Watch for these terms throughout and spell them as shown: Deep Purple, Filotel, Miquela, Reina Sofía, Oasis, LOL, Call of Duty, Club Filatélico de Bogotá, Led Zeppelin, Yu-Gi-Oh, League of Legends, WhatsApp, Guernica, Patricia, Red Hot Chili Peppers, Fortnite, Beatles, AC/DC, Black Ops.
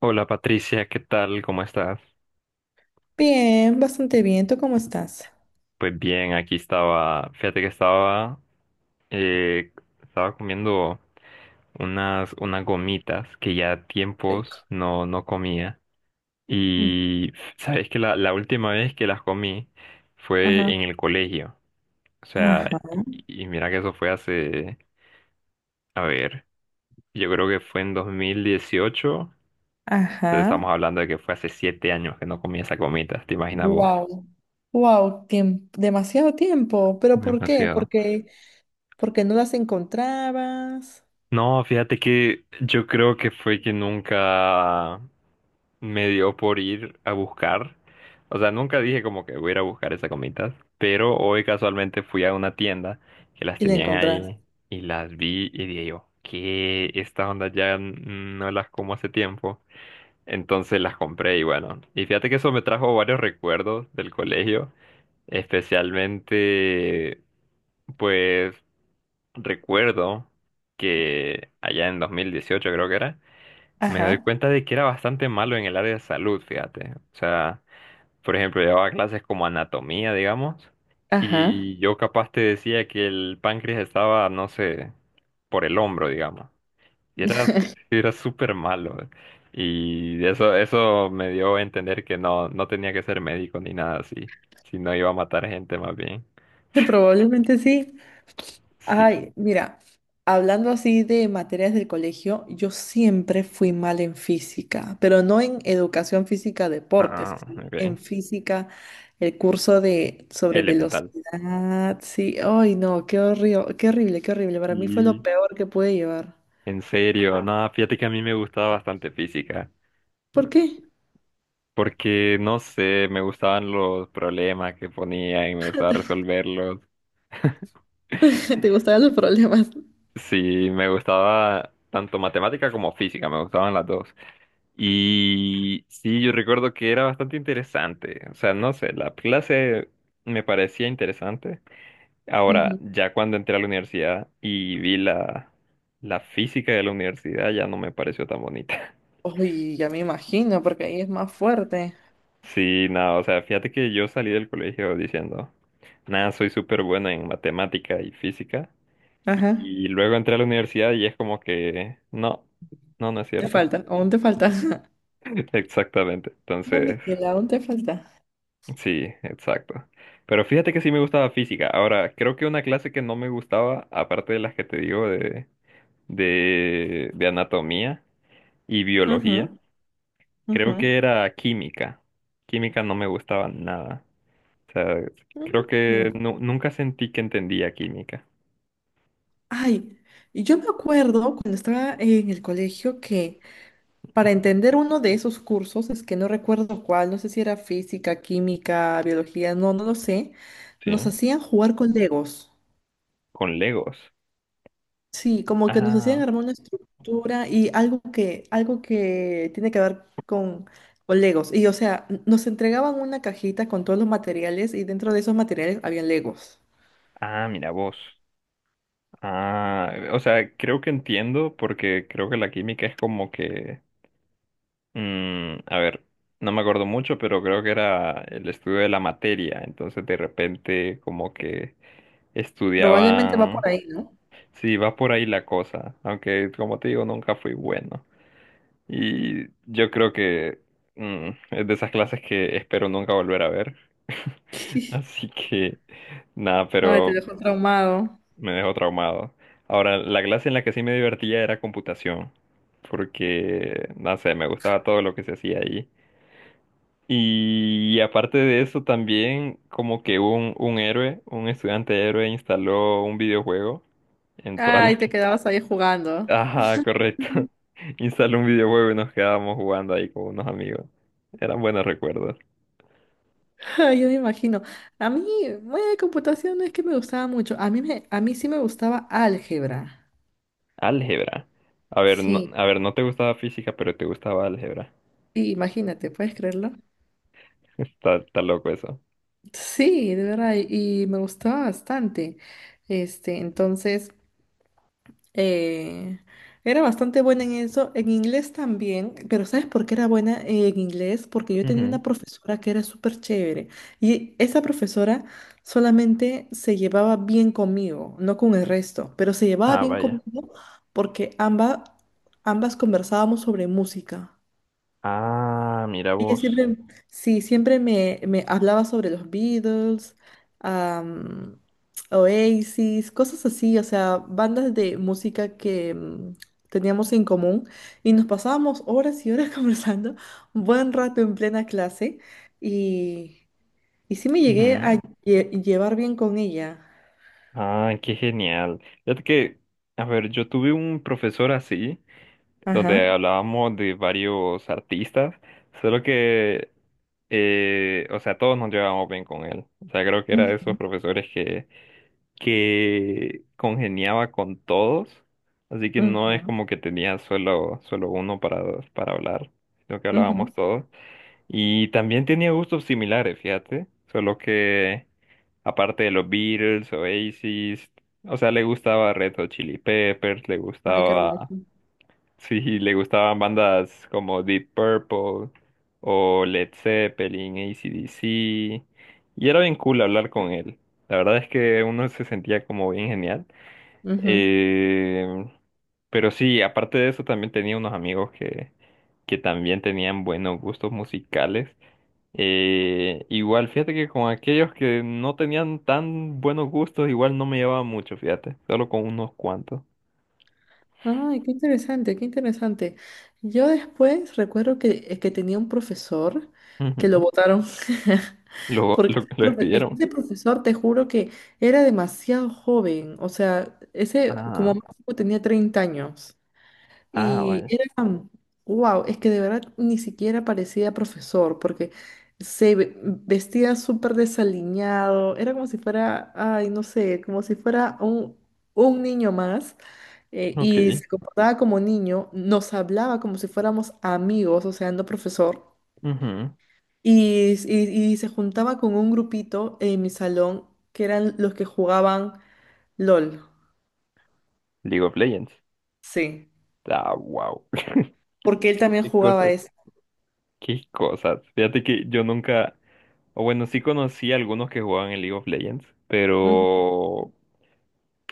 Hola Patricia, ¿qué tal? ¿Cómo estás? Bien, bastante bien. ¿Tú cómo estás? Pues bien, aquí estaba, fíjate que estaba, eh, estaba comiendo unas gomitas que ya tiempos Rico. no, no comía. Mm. Y sabes que la última vez que las comí fue Ajá, en el colegio. O sea, ajá, y mira que eso fue hace, a ver, yo creo que fue en 2018. ajá. Entonces estamos hablando de que fue hace 7 años que no comía esas gomitas, ¿te imaginas vos? Wow, wow, demasiado tiempo. ¿Pero por qué? Demasiado. Porque no las encontrabas No, fíjate que yo creo que fue que nunca me dio por ir a buscar. O sea, nunca dije como que voy a ir a buscar esas gomitas, pero hoy casualmente fui a una tienda que las y la tenían encontraste. ahí y las vi y dije yo, que estas ondas ya no las como hace tiempo. Entonces las compré y bueno, y fíjate que eso me trajo varios recuerdos del colegio, especialmente pues recuerdo que allá en 2018 creo que era, me doy Ajá, cuenta de que era bastante malo en el área de salud, fíjate. O sea, por ejemplo, llevaba clases como anatomía, digamos, ajá. y yo capaz te decía que el páncreas estaba, no sé, por el hombro, digamos. Y era súper malo. Y eso me dio a entender que no, no tenía que ser médico ni nada así, sino iba a matar gente más bien. Probablemente sí. Sí. Ay, mira, hablando así de materias del colegio, yo siempre fui mal en física, pero no en educación física deportes, Ah, sino ok. en física, el curso de sobre Elemental. velocidad, sí, ay no, qué horrible, qué horrible, qué horrible, para mí fue lo Y peor que pude llevar. en serio, no, fíjate que a mí me gustaba bastante física, ¿Por qué? porque no sé, me gustaban los problemas que ponían y me gustaba resolverlos. ¿Te gustaban los problemas? Sí, me gustaba tanto matemática como física, me gustaban las dos. Y sí, yo recuerdo que era bastante interesante. O sea, no sé, la clase me parecía interesante. Ahora, Ujú. ya cuando entré a la universidad y vi la física de la universidad, ya no me pareció tan bonita. Ay, ya me imagino, porque ahí es más fuerte. Sí, no, o sea, fíjate que yo salí del colegio diciendo, nada, soy súper bueno en matemática y física. Ajá, Y luego entré a la universidad y es como que, no, no, no es te cierto. falta, aún te falta. Exactamente. No, Entonces, Miquela, aún te falta. sí, exacto. Pero fíjate que sí me gustaba física. Ahora, creo que una clase que no me gustaba, aparte de las que te digo de anatomía y Ujú, biología, ujú. creo que era química. Química no me gustaba nada. O sea, creo Mm. que nunca sentí que entendía química. Ay, y yo me acuerdo cuando estaba en el colegio que para entender uno de esos cursos, es que no recuerdo cuál, no sé si era física, química, biología, no, no lo sé, ¿Sí? nos hacían jugar con Legos. Con Legos. Sí, como que nos hacían Ah, armar una estructura y algo que tiene que ver con Legos. Y o sea, nos entregaban una cajita con todos los materiales y dentro de esos materiales había Legos. ah, mira vos. Ah, o sea, creo que entiendo porque creo que la química es como que, mm, a ver, no me acuerdo mucho, pero creo que era el estudio de la materia. Entonces de repente como que Probablemente va estudiaban, por ahí, ¿no? sí, va por ahí la cosa, aunque como te digo, nunca fui bueno. Y yo creo que mm, es de esas clases que espero nunca volver a ver. Así que, nada, Ay, te pero dejo traumado. me dejó traumado. Ahora, la clase en la que sí me divertía era computación, porque, no sé, me gustaba todo lo que se hacía ahí. Y aparte de eso, también como que un héroe, un estudiante héroe instaló un videojuego en todas Ay, las... te quedabas ahí jugando. Ajá, correcto. Instaló un videojuego y nos quedábamos jugando ahí con unos amigos. Eran buenos recuerdos. Yo me imagino. A mí, bueno, de computación no es que me gustaba mucho. A mí sí me gustaba álgebra. Álgebra. Sí, A ver, no te gustaba física, pero te gustaba álgebra. sí, imagínate, ¿puedes creerlo? Está loco eso. Sí, de verdad, y me gustaba bastante. Este, entonces. Eh, era bastante buena en eso, en inglés también, pero ¿sabes por qué era buena en inglés? Porque yo tenía Ujú. una profesora que era súper chévere y esa profesora solamente se llevaba bien conmigo, no con el resto, pero se llevaba Ah, bien vaya. conmigo porque ambas conversábamos sobre música. Ah, mira Ella vos. siempre, sí, siempre me hablaba sobre los Beatles, am, Oasis, cosas así, o sea, bandas de música que teníamos en común y nos pasábamos horas y horas conversando, un buen rato en plena clase y, y sí me llegué a Ujú. Llevar bien con ella. Ah, qué genial. Fíjate que, a ver, yo tuve un profesor así, donde Ajá. hablábamos de varios artistas, solo que, o sea, todos nos llevábamos bien con él. O sea, creo que era de Ujú, esos profesores que congeniaba con todos, así que no es ujú, como que tenía solo uno para hablar, sino que ujú. hablábamos todos. Y también tenía gustos similares, fíjate. Solo que, aparte de los Beatles, Oasis, o sea, le gustaba Red Hot Chili Peppers, le Ay, qué hermoso. gustaba, sí, le gustaban bandas como Deep Purple o Led Zeppelin, AC/DC. Y era bien cool hablar con él. La verdad es que uno se sentía como bien genial. Ujú. Eh, pero sí, aparte de eso, también tenía unos amigos que también tenían buenos gustos musicales. Igual, fíjate que con aquellos que no tenían tan buenos gustos, igual no me llevaba mucho, fíjate, solo con unos cuantos. Ay, qué interesante, qué interesante. Yo después recuerdo que, que tenía un profesor que lo Ujú. votaron. Lo, Porque lo, lo es que despidieron. ese profesor, te juro que era demasiado joven. O sea, ese como Ah, máximo tenía 30 años. ah, Y vaya. era, wow, es que de verdad ni siquiera parecía profesor, porque vestía súper desaliñado, era como si fuera, ay, no sé, como si fuera un niño más, y Ok. se comportaba como niño, nos hablaba como si fuéramos amigos, o sea, no profesor, Ujú. y se juntaba con un grupito en mi salón, que eran los que jugaban LOL, League of Legends. sí, Ah, wow. porque él también Qué jugaba cosas, eso. qué cosas. Fíjate que yo nunca, o bueno, sí conocí a algunos que jugaban en League of Legends, Ujú, pero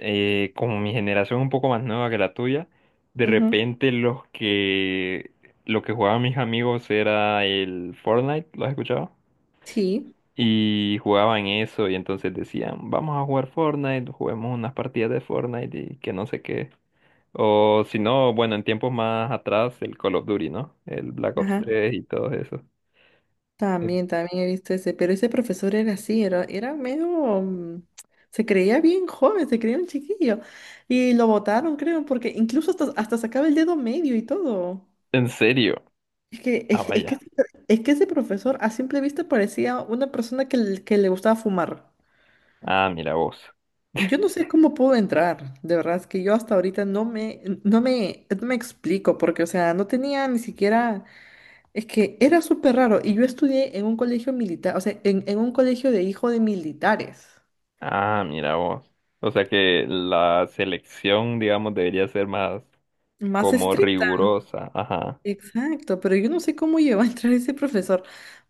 como mi generación un poco más nueva que la tuya, de ujú. repente los que lo que jugaban mis amigos era el Fortnite, ¿lo has escuchado? Sí. Y jugaban eso y entonces decían, vamos a jugar Fortnite, juguemos unas partidas de Fortnite y que no sé qué. O si no, bueno, en tiempos más atrás, el Call of Duty, ¿no? El Black Ops Ajá. 3 y todo eso. En- También he visto ese, pero ese profesor era así, era medio, se creía bien joven, se creía un chiquillo. Y lo botaron, creo, porque incluso hasta sacaba el dedo medio y todo. ¿En serio? Ah, Es que, vaya. ese pro- es que ese profesor a simple vista parecía una persona que le gustaba fumar. Ah, mira vos. Yo no sé cómo pudo entrar, de verdad, es que yo hasta ahorita no me explico, porque, o sea, no tenía ni siquiera... Es que era súper raro y yo estudié en un colegio militar, o sea, en un colegio de hijo de militares. Ah, mira vos. O sea que la selección, digamos, debería ser más Más como estricta, rigurosa. Ajá. exacto, pero yo no sé cómo llegó a entrar ese profesor.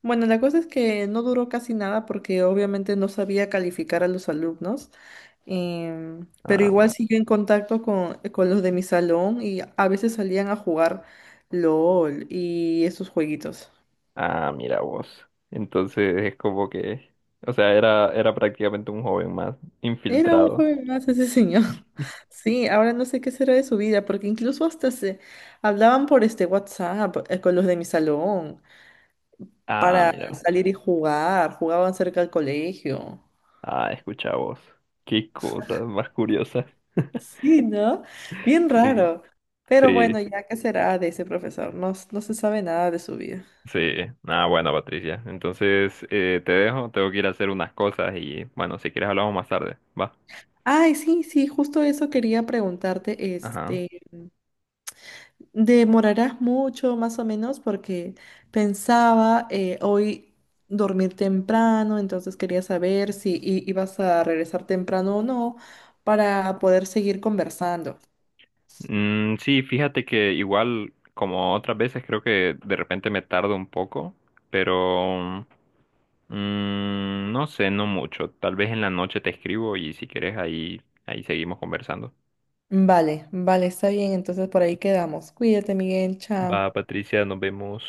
Bueno, la cosa es que no duró casi nada porque obviamente no sabía calificar a los alumnos, pero igual Ah, siguió en contacto con los de mi salón y a veces salían a jugar LOL y esos jueguitos. ah, mira vos. Entonces es como que, o sea, era prácticamente un joven más Era un infiltrado. joven más ese señor. Sí, ahora no sé qué será de su vida, porque incluso hasta se hablaban por este WhatsApp con los de mi salón Ah, para mira vos. salir y jugar, jugaban cerca del colegio. Ah, escucha vos. Qué cosas más curiosas. Sí, ¿no? Bien Sí. raro. Pero Sí, bueno, ya qué será de ese profesor, no, no se sabe nada de su vida. sí. Ah, bueno, Patricia. Entonces te dejo, tengo que ir a hacer unas cosas y bueno, si quieres hablamos más tarde. Va. Ay, sí, sí, justo eso quería preguntarte, Ajá. este, demorarás mucho, más o menos, porque pensaba hoy dormir temprano, entonces quería saber si ibas a regresar temprano o no para poder seguir conversando. Mm, sí, fíjate que igual como otras veces creo que de repente me tardo un poco, pero mm, no sé, no mucho. Tal vez en la noche te escribo y si quieres ahí, ahí seguimos conversando. Vale, vale, está bien, entonces por ahí quedamos. Cuídate, Miguel, Va, chao. Patricia, nos vemos.